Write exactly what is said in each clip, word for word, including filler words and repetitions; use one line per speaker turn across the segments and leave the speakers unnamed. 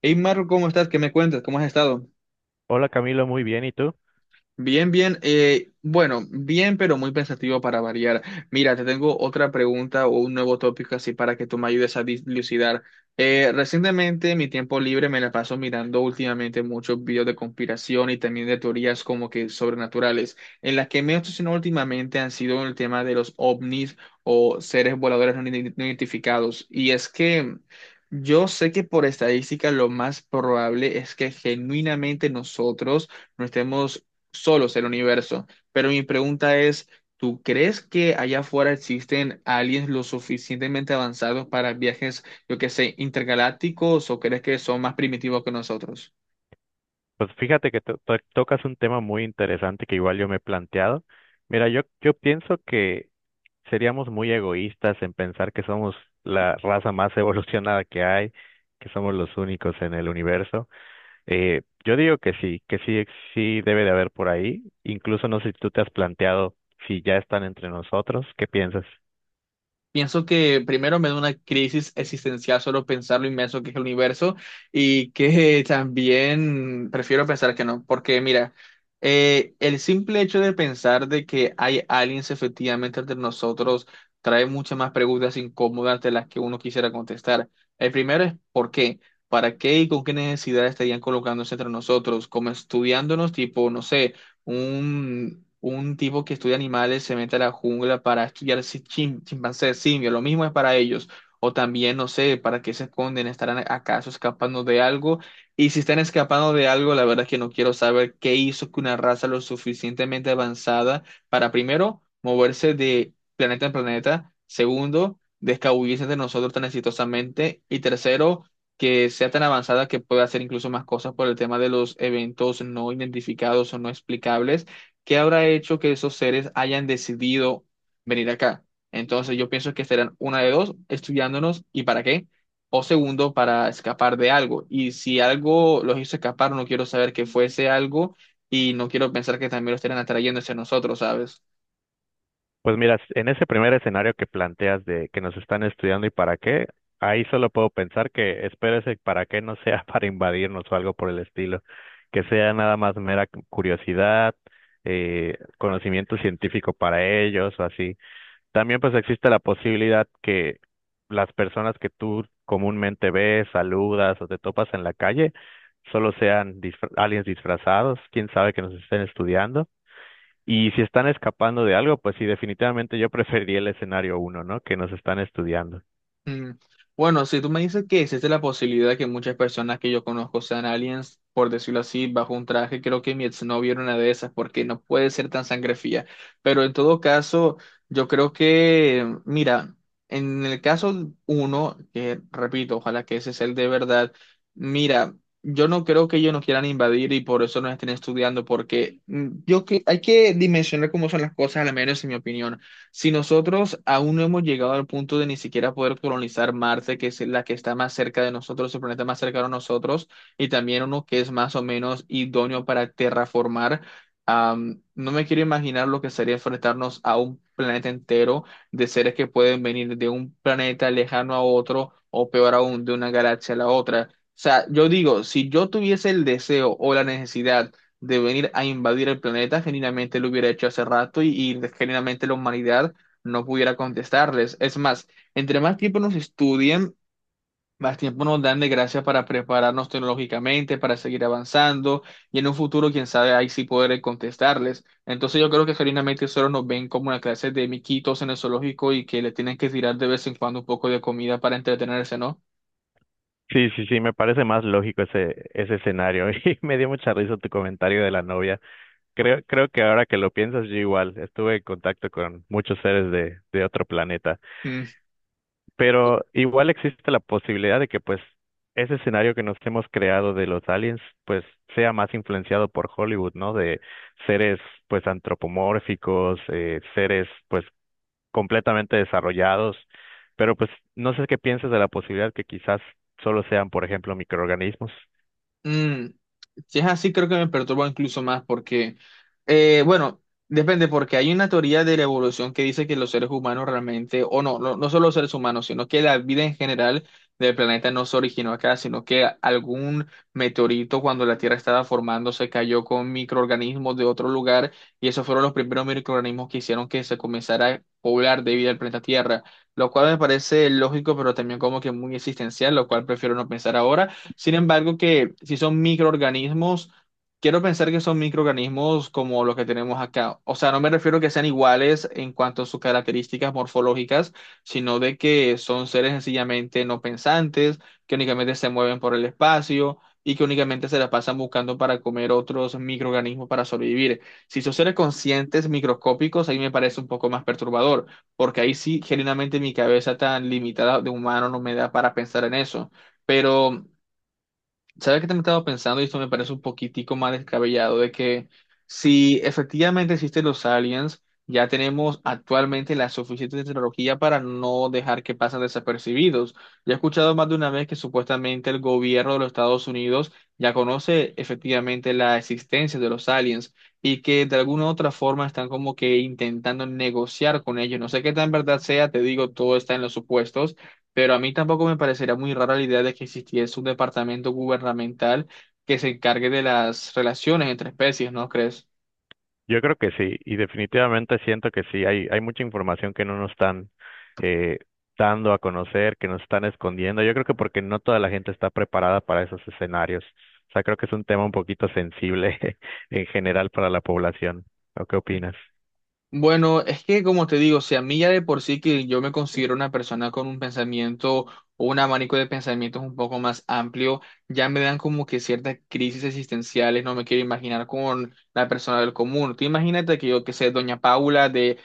Hey Marco, ¿cómo estás? ¿Qué me cuentas? ¿Cómo has estado?
Hola Camilo, muy bien. ¿Y tú?
Bien, bien. Eh, bueno, bien, pero muy pensativo para variar. Mira, te tengo otra pregunta o un nuevo tópico así para que tú me ayudes a dilucidar. Eh, recientemente, mi tiempo libre me la paso mirando últimamente muchos videos de conspiración y también de teorías como que sobrenaturales. En las que me he obsesionado últimamente han sido el tema de los ovnis o seres voladores no ident- no identificados. Y es que... Yo sé que por estadística lo más probable es que genuinamente nosotros no estemos solos el universo. Pero mi pregunta es, ¿tú crees que allá afuera existen aliens lo suficientemente avanzados para viajes, yo que sé, intergalácticos, o crees que son más primitivos que nosotros?
Pues fíjate que to- to- tocas un tema muy interesante que igual yo me he planteado. Mira, yo, yo pienso que seríamos muy egoístas en pensar que somos la raza más evolucionada que hay, que somos los únicos en el universo. Eh, yo digo que sí, que sí, ex- sí debe de haber por ahí. Incluso no sé si tú te has planteado si ya están entre nosotros. ¿Qué piensas?
Pienso que primero me da una crisis existencial solo pensar lo inmenso que es el universo y que también prefiero pensar que no, porque mira, eh, el simple hecho de pensar de que hay aliens efectivamente entre nosotros trae muchas más preguntas incómodas de las que uno quisiera contestar. El primero es ¿por qué? ¿Para qué y con qué necesidad estarían colocándose entre nosotros? Como estudiándonos, tipo, no sé, un, un tipo que estudia animales se mete a la jungla para estudiar si- chim- chimpancés, simios, lo mismo es para ellos. O también, no sé, ¿para qué se esconden? ¿Estarán acaso escapando de algo? Y si están escapando de algo, la verdad es que no quiero saber qué hizo que una raza lo suficientemente avanzada para, primero, moverse de planeta en planeta, segundo, descabullirse de nosotros tan exitosamente, y tercero, que sea tan avanzada que pueda hacer incluso más cosas por el tema de los eventos no identificados o no explicables, que habrá hecho que esos seres hayan decidido venir acá. Entonces yo pienso que serán una de dos, estudiándonos y para qué, o segundo, para escapar de algo. Y si algo los hizo escapar, no quiero saber que fuese algo y no quiero pensar que también lo estarán atrayendo hacia nosotros, ¿sabes?
Pues mira, en ese primer escenario que planteas de que nos están estudiando y para qué, ahí solo puedo pensar que espero ese para qué no sea para invadirnos o algo por el estilo, que sea nada más mera cu- curiosidad, eh, conocimiento científico para ellos o así. También pues existe la posibilidad que las personas que tú comúnmente ves, saludas o te topas en la calle, solo sean disfra- aliens disfrazados, quién sabe que nos estén estudiando. Y si están escapando de algo, pues sí, definitivamente yo preferiría el escenario uno, ¿no? Que nos están estudiando.
Mm. Bueno, si tú me dices que existe la posibilidad de que muchas personas que yo conozco sean aliens, por decirlo así, bajo un traje, creo que mi exnovio era una de esas, porque no puede ser tan sangre fría. Pero en todo caso, yo creo que, mira, en el caso uno, que repito, ojalá que ese sea el de verdad, mira, yo no creo que ellos nos quieran invadir y por eso nos estén estudiando, porque mm, yo que hay que dimensionar cómo son las cosas, al menos en mi opinión. Si nosotros aún no hemos llegado al punto de ni siquiera poder colonizar Marte, que es la que está más cerca de nosotros, el planeta más cercano a nosotros, y también uno que es más o menos idóneo para terraformar, am, no me quiero imaginar lo que sería enfrentarnos a un planeta entero de seres que pueden venir de un planeta lejano a otro, o peor aún, de una galaxia a la otra. O sea, yo digo, si yo tuviese el deseo o la necesidad de venir a invadir el planeta, genuinamente lo hubiera hecho hace rato y, y genuinamente la humanidad no pudiera contestarles. Es más, entre más tiempo nos estudien, más tiempo nos dan de gracia para prepararnos tecnológicamente, para seguir avanzando y en un futuro, quién sabe, ahí sí poder contestarles. Entonces yo creo que genuinamente solo nos ven como una clase de miquitos en el zoológico y que le tienen que tirar de vez en cuando un poco de comida para entretenerse, ¿no?
Sí, sí, sí, me parece más lógico ese, ese escenario. Y me dio mucha risa tu comentario de la novia. Creo, creo que ahora que lo piensas, yo igual estuve en contacto con muchos seres de, de otro planeta.
Mm.
Pero igual existe la posibilidad de que, pues, ese escenario que nos hemos creado de los aliens, pues, sea más influenciado por Hollywood, ¿no? De seres, pues, antropomórficos, eh, seres, pues, completamente desarrollados, pero pues no sé qué piensas de la posibilidad que quizás solo sean, por ejemplo, microorganismos.
Mm, si es así, creo que me perturba incluso más porque, eh, bueno, depende, porque hay una teoría de la evolución que dice que los seres humanos realmente, o no, no, no solo los seres humanos, sino que la vida en general del planeta no se originó acá, sino que algún meteorito cuando la Tierra estaba formándose cayó con microorganismos de otro lugar y esos fueron los primeros microorganismos que hicieron que se comenzara a poblar de vida el planeta Tierra, lo cual me parece lógico, pero también como que muy existencial, lo cual prefiero no pensar ahora. Sin embargo, que si son microorganismos, quiero pensar que son microorganismos como los que tenemos acá. O sea, no me refiero que sean iguales en cuanto a sus características morfológicas, sino de que son seres sencillamente no pensantes, que únicamente se mueven por el espacio y que únicamente se la pasan buscando para comer otros microorganismos para sobrevivir. Si son seres conscientes microscópicos, ahí me parece un poco más perturbador, porque ahí sí, genuinamente mi cabeza tan limitada de humano no me da para pensar en eso. Pero ¿sabes qué te he estado pensando? Y esto me parece un poquitico más descabellado, de que si efectivamente existen los aliens, ya tenemos actualmente la suficiente tecnología para no dejar que pasen desapercibidos. Ya he escuchado más de una vez que supuestamente el gobierno de los Estados Unidos ya conoce efectivamente la existencia de los aliens y que de alguna u otra forma están como que intentando negociar con ellos. No sé qué tan verdad sea, te digo, todo está en los supuestos, pero a mí tampoco me parecería muy rara la idea de que existiese un departamento gubernamental que se encargue de las relaciones entre especies, ¿no crees?
Yo creo que sí, y definitivamente siento que sí, hay, hay mucha información que no nos están eh, dando a conocer, que nos están escondiendo. Yo creo que porque no toda la gente está preparada para esos escenarios. O sea, creo que es un tema un poquito sensible en general para la población. ¿O qué opinas?
Bueno, es que como te digo, si a mí ya de por sí, que yo me considero una persona con un pensamiento o un abanico de pensamientos un poco más amplio, ya me dan como que ciertas crisis existenciales, no me quiero imaginar con la persona del común. Tú imagínate que yo, que sé, doña Paula de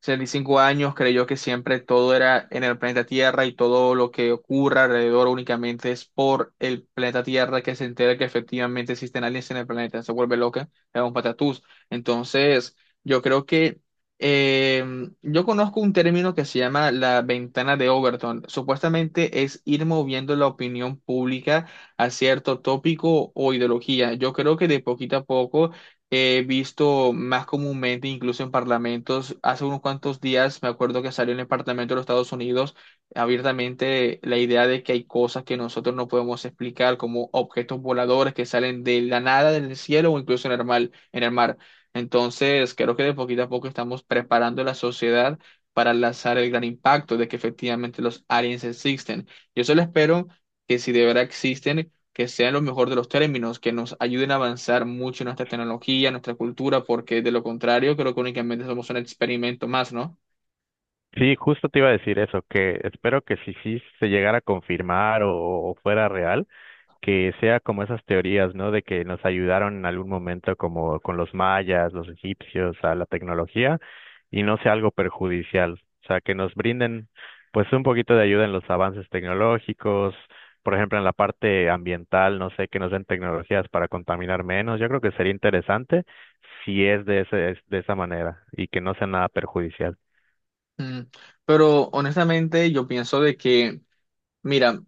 sesenta y cinco años creyó que siempre todo era en el planeta Tierra y todo lo que ocurra alrededor únicamente es por el planeta Tierra, que se entera que efectivamente existen aliens en el planeta, se vuelve loca, es un patatús. Entonces... Yo creo que eh, yo conozco un término que se llama la ventana de Overton. Supuestamente es ir moviendo la opinión pública a cierto tópico o ideología. Yo creo que de poquito a poco he visto más comúnmente, incluso en parlamentos. Hace unos cuantos días me acuerdo que salió en el Parlamento de los Estados Unidos abiertamente la idea de que hay cosas que nosotros no podemos explicar, como objetos voladores que salen de la nada del cielo o incluso en el mar. En el mar. Entonces, creo que de poquito a poco estamos preparando la sociedad para lanzar el gran impacto de que efectivamente los aliens existen. Yo solo espero que si de verdad existen, que sean lo mejor de los términos, que nos ayuden a avanzar mucho en nuestra tecnología, nuestra cultura, porque de lo contrario, creo que únicamente somos un experimento más, ¿no?
Sí, justo te iba a decir eso, que espero que si sí se llegara a confirmar o o fuera real que sea como esas teorías, ¿no? De que nos ayudaron en algún momento como con los mayas, los egipcios, a la tecnología y no sea algo perjudicial. O sea, que nos brinden pues un poquito de ayuda en los avances tecnológicos, por ejemplo, en la parte ambiental, no sé, que nos den tecnologías para contaminar menos. Yo creo que sería interesante si es de ese, es de esa manera y que no sea nada perjudicial.
Mm. Pero honestamente yo pienso de que, mira,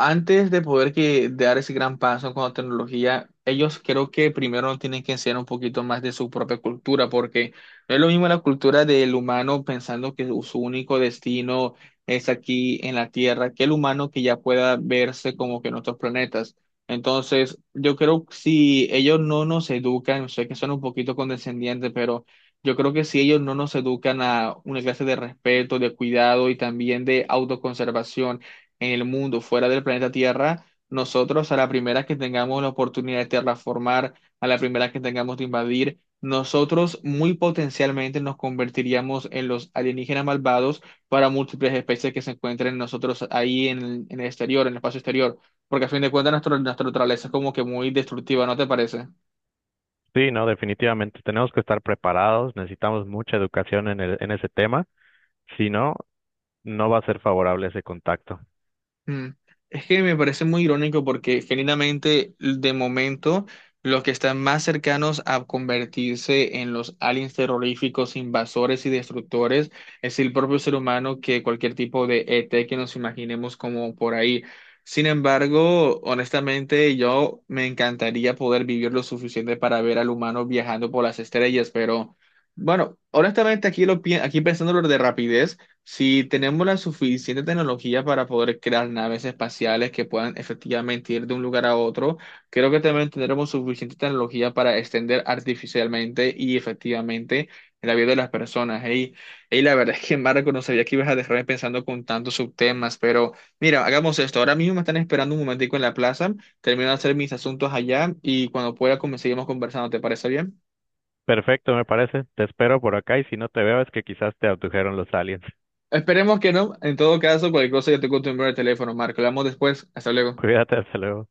antes de poder que dar ese gran paso con la tecnología, ellos creo que primero nos tienen que enseñar un poquito más de su propia cultura, porque no es lo mismo la cultura del humano pensando que su único destino es aquí en la Tierra, que el humano que ya pueda verse como que en otros planetas. Entonces, yo creo que si ellos no nos educan, sé que son un poquito condescendientes, pero yo creo que si ellos no nos educan a una clase de respeto, de cuidado y también de autoconservación, en el mundo, fuera del planeta Tierra, nosotros a la primera que tengamos la oportunidad de terraformar, a la primera que tengamos de invadir, nosotros muy potencialmente nos convertiríamos en los alienígenas malvados para múltiples especies que se encuentren nosotros ahí en, el- en el exterior, en el espacio exterior, porque a fin de cuentas nuestro- nuestra naturaleza es como que muy destructiva, ¿no te parece?
Sí, no, definitivamente tenemos que estar preparados, necesitamos mucha educación en el, en ese tema. Si no, no va a ser favorable ese contacto.
Mm. Es que me parece muy irónico porque genuinamente de momento los que están más cercanos a convertirse en los aliens terroríficos, invasores y destructores es el propio ser humano que cualquier tipo de E T que nos imaginemos como por ahí. Sin embargo, honestamente yo me encantaría poder vivir lo suficiente para ver al humano viajando por las estrellas, pero bueno, honestamente aquí lo pi- aquí pensándolo de rapidez. Si tenemos la suficiente tecnología para poder crear naves espaciales que puedan efectivamente ir de un lugar a otro, creo que también tendremos suficiente tecnología para extender artificialmente y efectivamente la vida de las personas. Y la verdad es que Marco, no sabía que ibas a dejarme pensando con tantos subtemas, pero mira, hagamos esto. Ahora mismo me están esperando un momentico en la plaza, termino de hacer mis asuntos allá y cuando pueda como seguimos conversando. ¿Te parece bien?
Perfecto, me parece. Te espero por acá y si no te veo es que quizás te abdujeron los aliens.
Esperemos que no. En todo caso, cualquier cosa yo te cuento el número de teléfono, Marco. Hablamos después. Hasta luego.
Cuídate, hasta luego.